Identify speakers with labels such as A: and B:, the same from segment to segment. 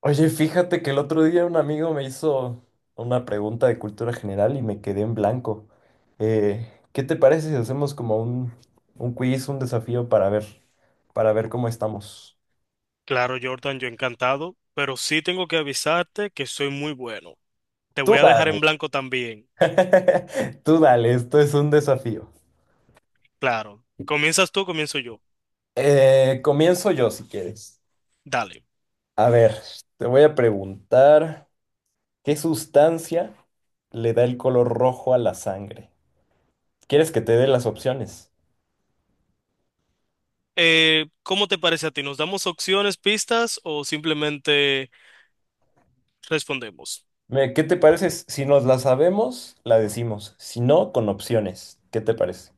A: Oye, fíjate que el otro día un amigo me hizo una pregunta de cultura general y me quedé en blanco. ¿Qué te parece si hacemos como un quiz, un desafío para ver cómo estamos?
B: Claro, Jordan, yo encantado, pero sí tengo que avisarte que soy muy bueno. Te
A: Tú
B: voy a dejar en
A: dale.
B: blanco también.
A: Tú dale, esto es un desafío.
B: Claro. ¿Comienzas tú, comienzo yo?
A: Comienzo yo si quieres.
B: Dale.
A: A ver, te voy a preguntar, ¿qué sustancia le da el color rojo a la sangre? ¿Quieres que te dé las opciones?
B: ¿Cómo te parece a ti? ¿Nos damos opciones, pistas o simplemente respondemos?
A: ¿Qué te parece? Si nos la sabemos, la decimos. Si no, con opciones. ¿Qué te parece?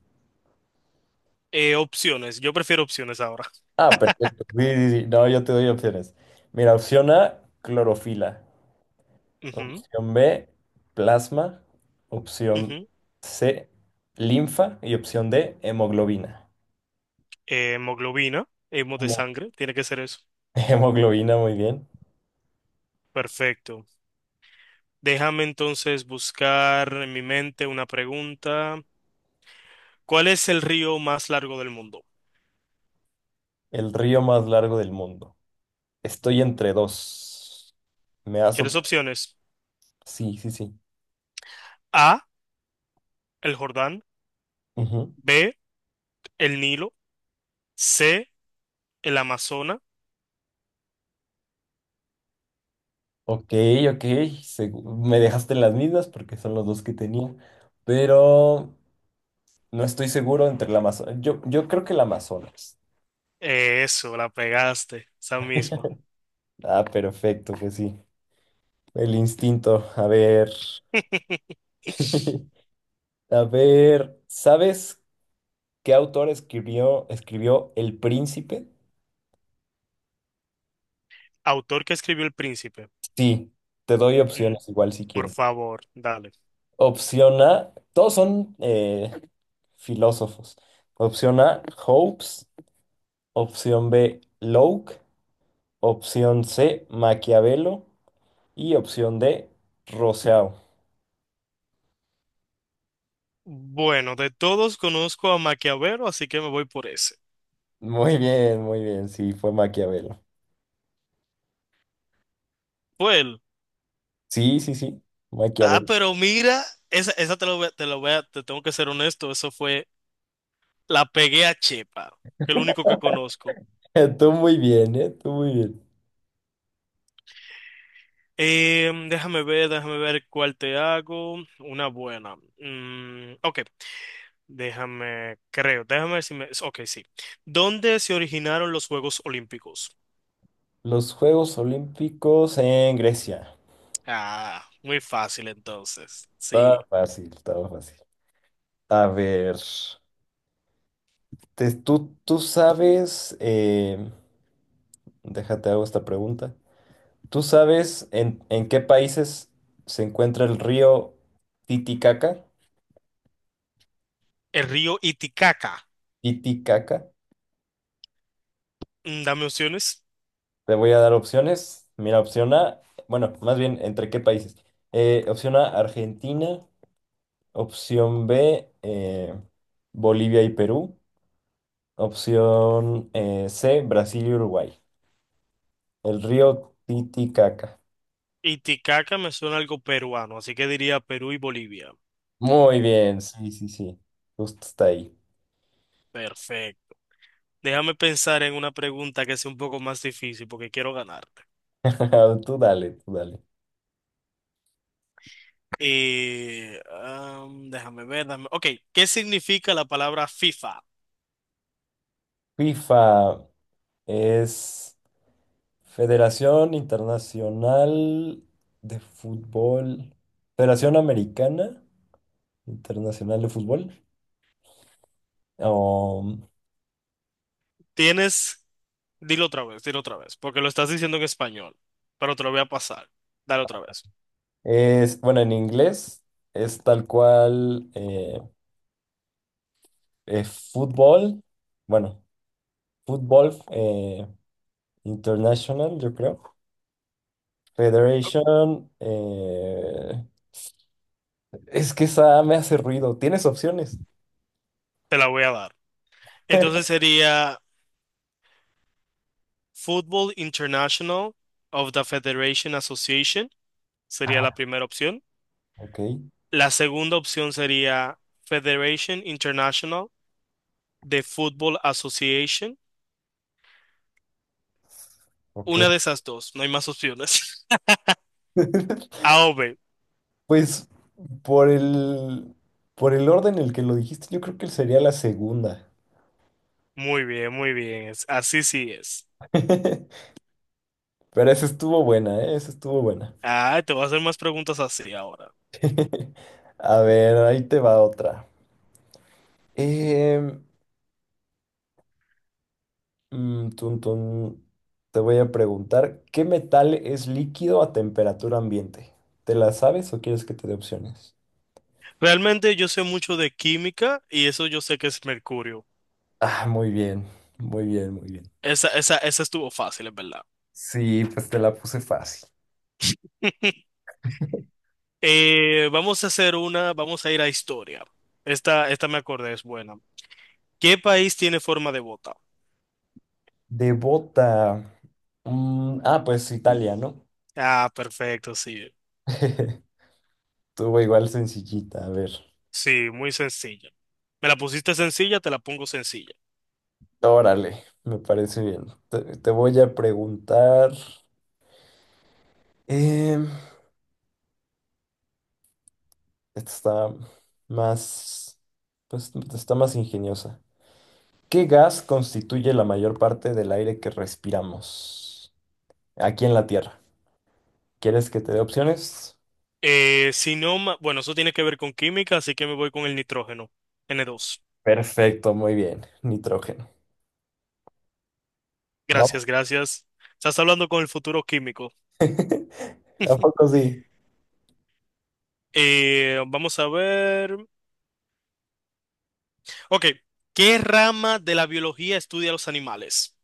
B: Opciones. Yo prefiero opciones ahora.
A: Ah, perfecto. Sí, sí, sí. No, yo te doy opciones. Mira, opción A, clorofila.
B: Ujú,
A: Opción B, plasma. Opción
B: ujú.
A: C, linfa. Y opción D, hemoglobina.
B: Hemoglobina, hemo de
A: Mo-
B: sangre, tiene que ser eso.
A: Hemoglobina, muy bien.
B: Perfecto. Déjame entonces buscar en mi mente una pregunta. ¿Cuál es el río más largo del mundo?
A: El río más largo del mundo. Estoy entre dos. ¿Me das
B: ¿Quieres
A: opción?
B: opciones?
A: Sí, sí, sí.
B: A, el Jordán,
A: Ujú.
B: B, el Nilo, C, el Amazonas.
A: Ok, ok, me dejaste en las mismas porque son los dos que tenía, pero no estoy seguro entre la Amazonas. Yo creo que la Amazonas.
B: Eso, la pegaste, esa misma.
A: Ah, perfecto, que sí. El instinto. A ver. A ver, ¿sabes qué autor escribió El Príncipe?
B: Autor que escribió El Príncipe.
A: Sí, te doy
B: Mm,
A: opciones igual si
B: por
A: quieres.
B: favor, dale.
A: Opción A, todos son filósofos. Opción A, Hobbes. Opción B, Locke. Opción C, Maquiavelo. Y opción D, Rousseau.
B: Bueno, de todos conozco a Maquiavelo, así que me voy por ese.
A: Muy bien, muy bien. Sí, fue Maquiavelo.
B: Fue él.
A: Sí, sí, sí,
B: Ah,
A: Maquiavelo.
B: pero mira, esa te lo voy a, te tengo que ser honesto, eso fue, la pegué a Chepa, que es lo único que conozco.
A: Tú muy bien, ¿eh? Tú muy bien.
B: Déjame ver, déjame ver cuál te hago. Una buena. Mm, ok. Déjame, creo, déjame ver si me... Ok, sí. ¿Dónde se originaron los Juegos Olímpicos?
A: Los Juegos Olímpicos en Grecia.
B: Ah, muy fácil entonces. Sí.
A: Estaba fácil, estaba fácil. A ver, tú sabes, déjate hago esta pregunta. ¿Tú sabes en qué países se encuentra el río Titicaca?
B: El río Iticaca.
A: Titicaca.
B: Mm, dame opciones.
A: Te voy a dar opciones. Mira, opción A, bueno, más bien, ¿entre qué países? Opción A, Argentina. Opción B, Bolivia y Perú. Opción C, Brasil y Uruguay. El río Titicaca.
B: Iticaca me suena algo peruano, así que diría Perú y Bolivia.
A: Muy bien, sí, sí, sí. Justo está ahí.
B: Perfecto. Déjame pensar en una pregunta que sea un poco más difícil porque quiero ganarte.
A: Tú dale, tú dale.
B: Déjame ver, ok, ¿qué significa la palabra FIFA?
A: FIFA es Federación Internacional de Fútbol. Federación Americana Internacional de Fútbol. O
B: ¿Tienes dilo otra vez, dilo otra vez, porque lo estás diciendo en español, pero te lo voy a pasar. Dale otra vez.
A: es, bueno, en inglés es tal cual fútbol, bueno, fútbol international, yo creo. Federation, es que esa me hace ruido. ¿Tienes opciones?
B: Te la voy a dar. Entonces sería Football International of the Federation Association, sería la
A: Ah,
B: primera opción.
A: ok,
B: La segunda opción sería Federation International de Football Association.
A: ok.
B: Una de esas dos, no hay más opciones. A o B.
A: Pues por el, por el orden en el que lo dijiste, yo creo que sería la segunda.
B: Muy bien, muy bien. Así sí es.
A: Pero esa estuvo buena, ¿eh? Esa estuvo buena.
B: Ah, te voy a hacer más preguntas así ahora.
A: A ver, ahí te va otra. Eh, tun, tun. Te voy a preguntar, ¿qué metal es líquido a temperatura ambiente? ¿Te la sabes o quieres que te dé opciones?
B: Realmente yo sé mucho de química y eso yo sé que es mercurio.
A: Ah, muy bien, muy bien, muy bien.
B: Esa estuvo fácil, es verdad.
A: Sí, pues te la puse fácil.
B: Vamos a hacer una, vamos a ir a historia. Esta me acordé, es buena. ¿Qué país tiene forma de bota?
A: De bota. Mm, ah, pues Italia, ¿no?
B: Ah, perfecto, sí.
A: Estuvo igual sencillita, a ver.
B: Sí, muy sencilla. Me la pusiste sencilla, te la pongo sencilla.
A: Órale, me parece bien. Te voy a preguntar. em, Esta está más, pues está más ingeniosa. ¿Qué gas constituye la mayor parte del aire que respiramos aquí en la Tierra? ¿Quieres que te dé opciones?
B: Si no, bueno, eso tiene que ver con química, así que me voy con el nitrógeno, N2.
A: Perfecto, muy bien. Nitrógeno. No.
B: Gracias, gracias. Estás hablando con el futuro químico.
A: ¿A poco sí?
B: Vamos a ver. Ok, ¿qué rama de la biología estudia los animales?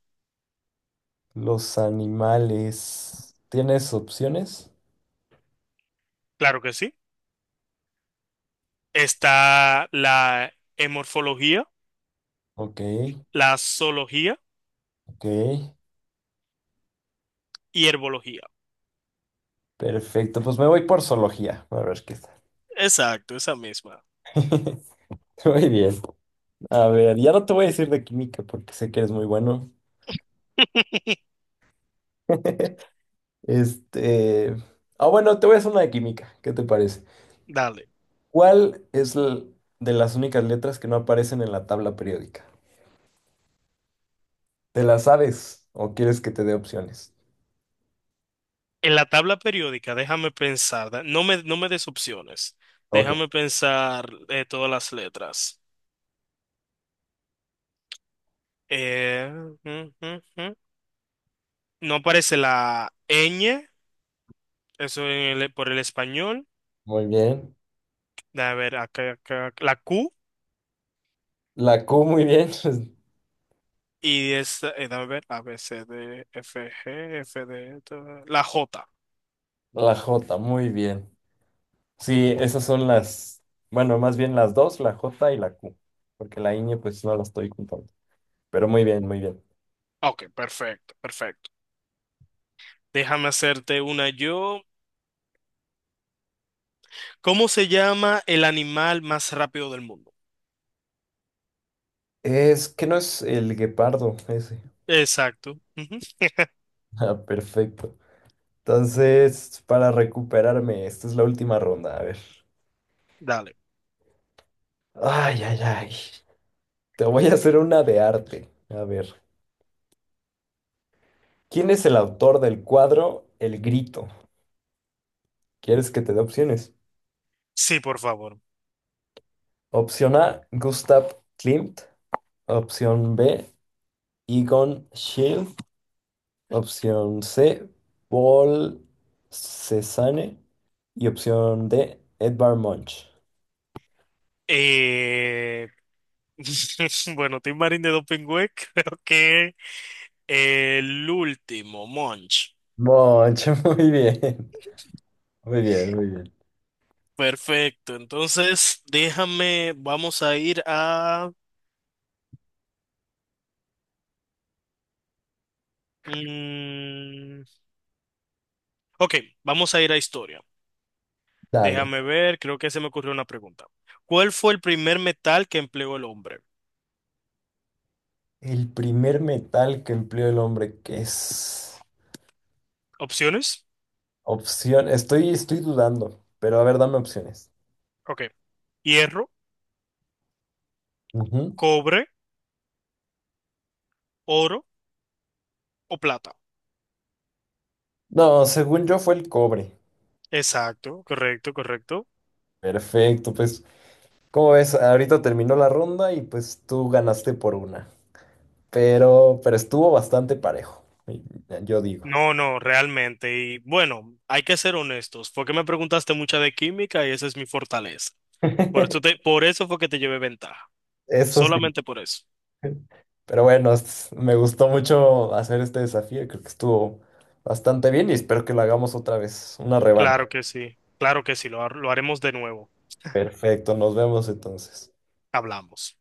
A: Los animales. ¿Tienes opciones?
B: Claro que sí. Está la hemorfología,
A: Ok,
B: la zoología
A: ok.
B: y herbología.
A: Perfecto, pues me voy por zoología. A ver qué tal.
B: Exacto, esa misma.
A: Muy bien. A ver, ya no te voy a decir de química porque sé que eres muy bueno. Este. Ah, bueno, te voy a hacer una de química. ¿Qué te parece?
B: Dale.
A: ¿Cuál es l- de las únicas letras que no aparecen en la tabla periódica? ¿Te la sabes o quieres que te dé opciones?
B: En la tabla periódica, déjame pensar. No me, no me des opciones.
A: Ok,
B: Déjame pensar todas las letras. Eh, mm, mm, mm. No aparece la ñ, eso por el español.
A: muy bien.
B: Déjame ver, acá, acá, la Q.
A: La Q, muy bien.
B: Y es, déjame ver, A, B, C, D, F, G, F, D, la J.
A: La J, muy bien. Sí, esas son las. Bueno, más bien las dos, la J y la Q. Porque la ñ, pues no la estoy contando. Pero muy bien, muy bien.
B: Ok, perfecto, perfecto. Déjame hacerte una yo. ¿Cómo se llama el animal más rápido del mundo?
A: Es que no es el guepardo ese.
B: Exacto. Ujú.
A: Ah, perfecto. Entonces, para recuperarme, esta es la última ronda. A ver.
B: Dale.
A: Ay, ay, ay. Te voy a hacer una de arte. A ver. ¿Quién es el autor del cuadro El Grito? ¿Quieres que te dé opciones?
B: Sí, por favor.
A: Opción A, Gustav Klimt. Opción B, Egon Schiele. Opción C, Paul Cézanne. Y opción D, Edvard Munch.
B: Eh, Bueno, Tim Marín de Dopingüe, creo que el último, Monch.
A: Munch, muy bien. Muy bien, muy bien.
B: Perfecto. Entonces, déjame, vamos a ir a... mm, ok, vamos a ir a historia.
A: Dale.
B: Déjame ver, creo que se me ocurrió una pregunta. ¿Cuál fue el primer metal que empleó el hombre?
A: El primer metal que empleó el hombre, que es
B: Opciones.
A: opción. Estoy dudando, pero a ver, dame opciones.
B: Ok. Hierro,
A: Ujú.
B: cobre, oro o plata.
A: No, según yo fue el cobre.
B: Exacto, correcto, correcto.
A: Perfecto, pues, como ves, ahorita terminó la ronda y pues tú ganaste por una. Pero estuvo bastante parejo, yo digo.
B: No, no, realmente. Y bueno, hay que ser honestos, fue que me preguntaste mucha de química y esa es mi fortaleza. Por eso te, por eso fue que te llevé ventaja.
A: Eso sí.
B: Solamente por eso.
A: Pero bueno, me gustó mucho hacer este desafío. Creo que estuvo bastante bien y espero que lo hagamos otra vez. Una revancha.
B: Claro que sí, lo, lo haremos de nuevo.
A: Perfecto, nos vemos entonces.
B: Hablamos.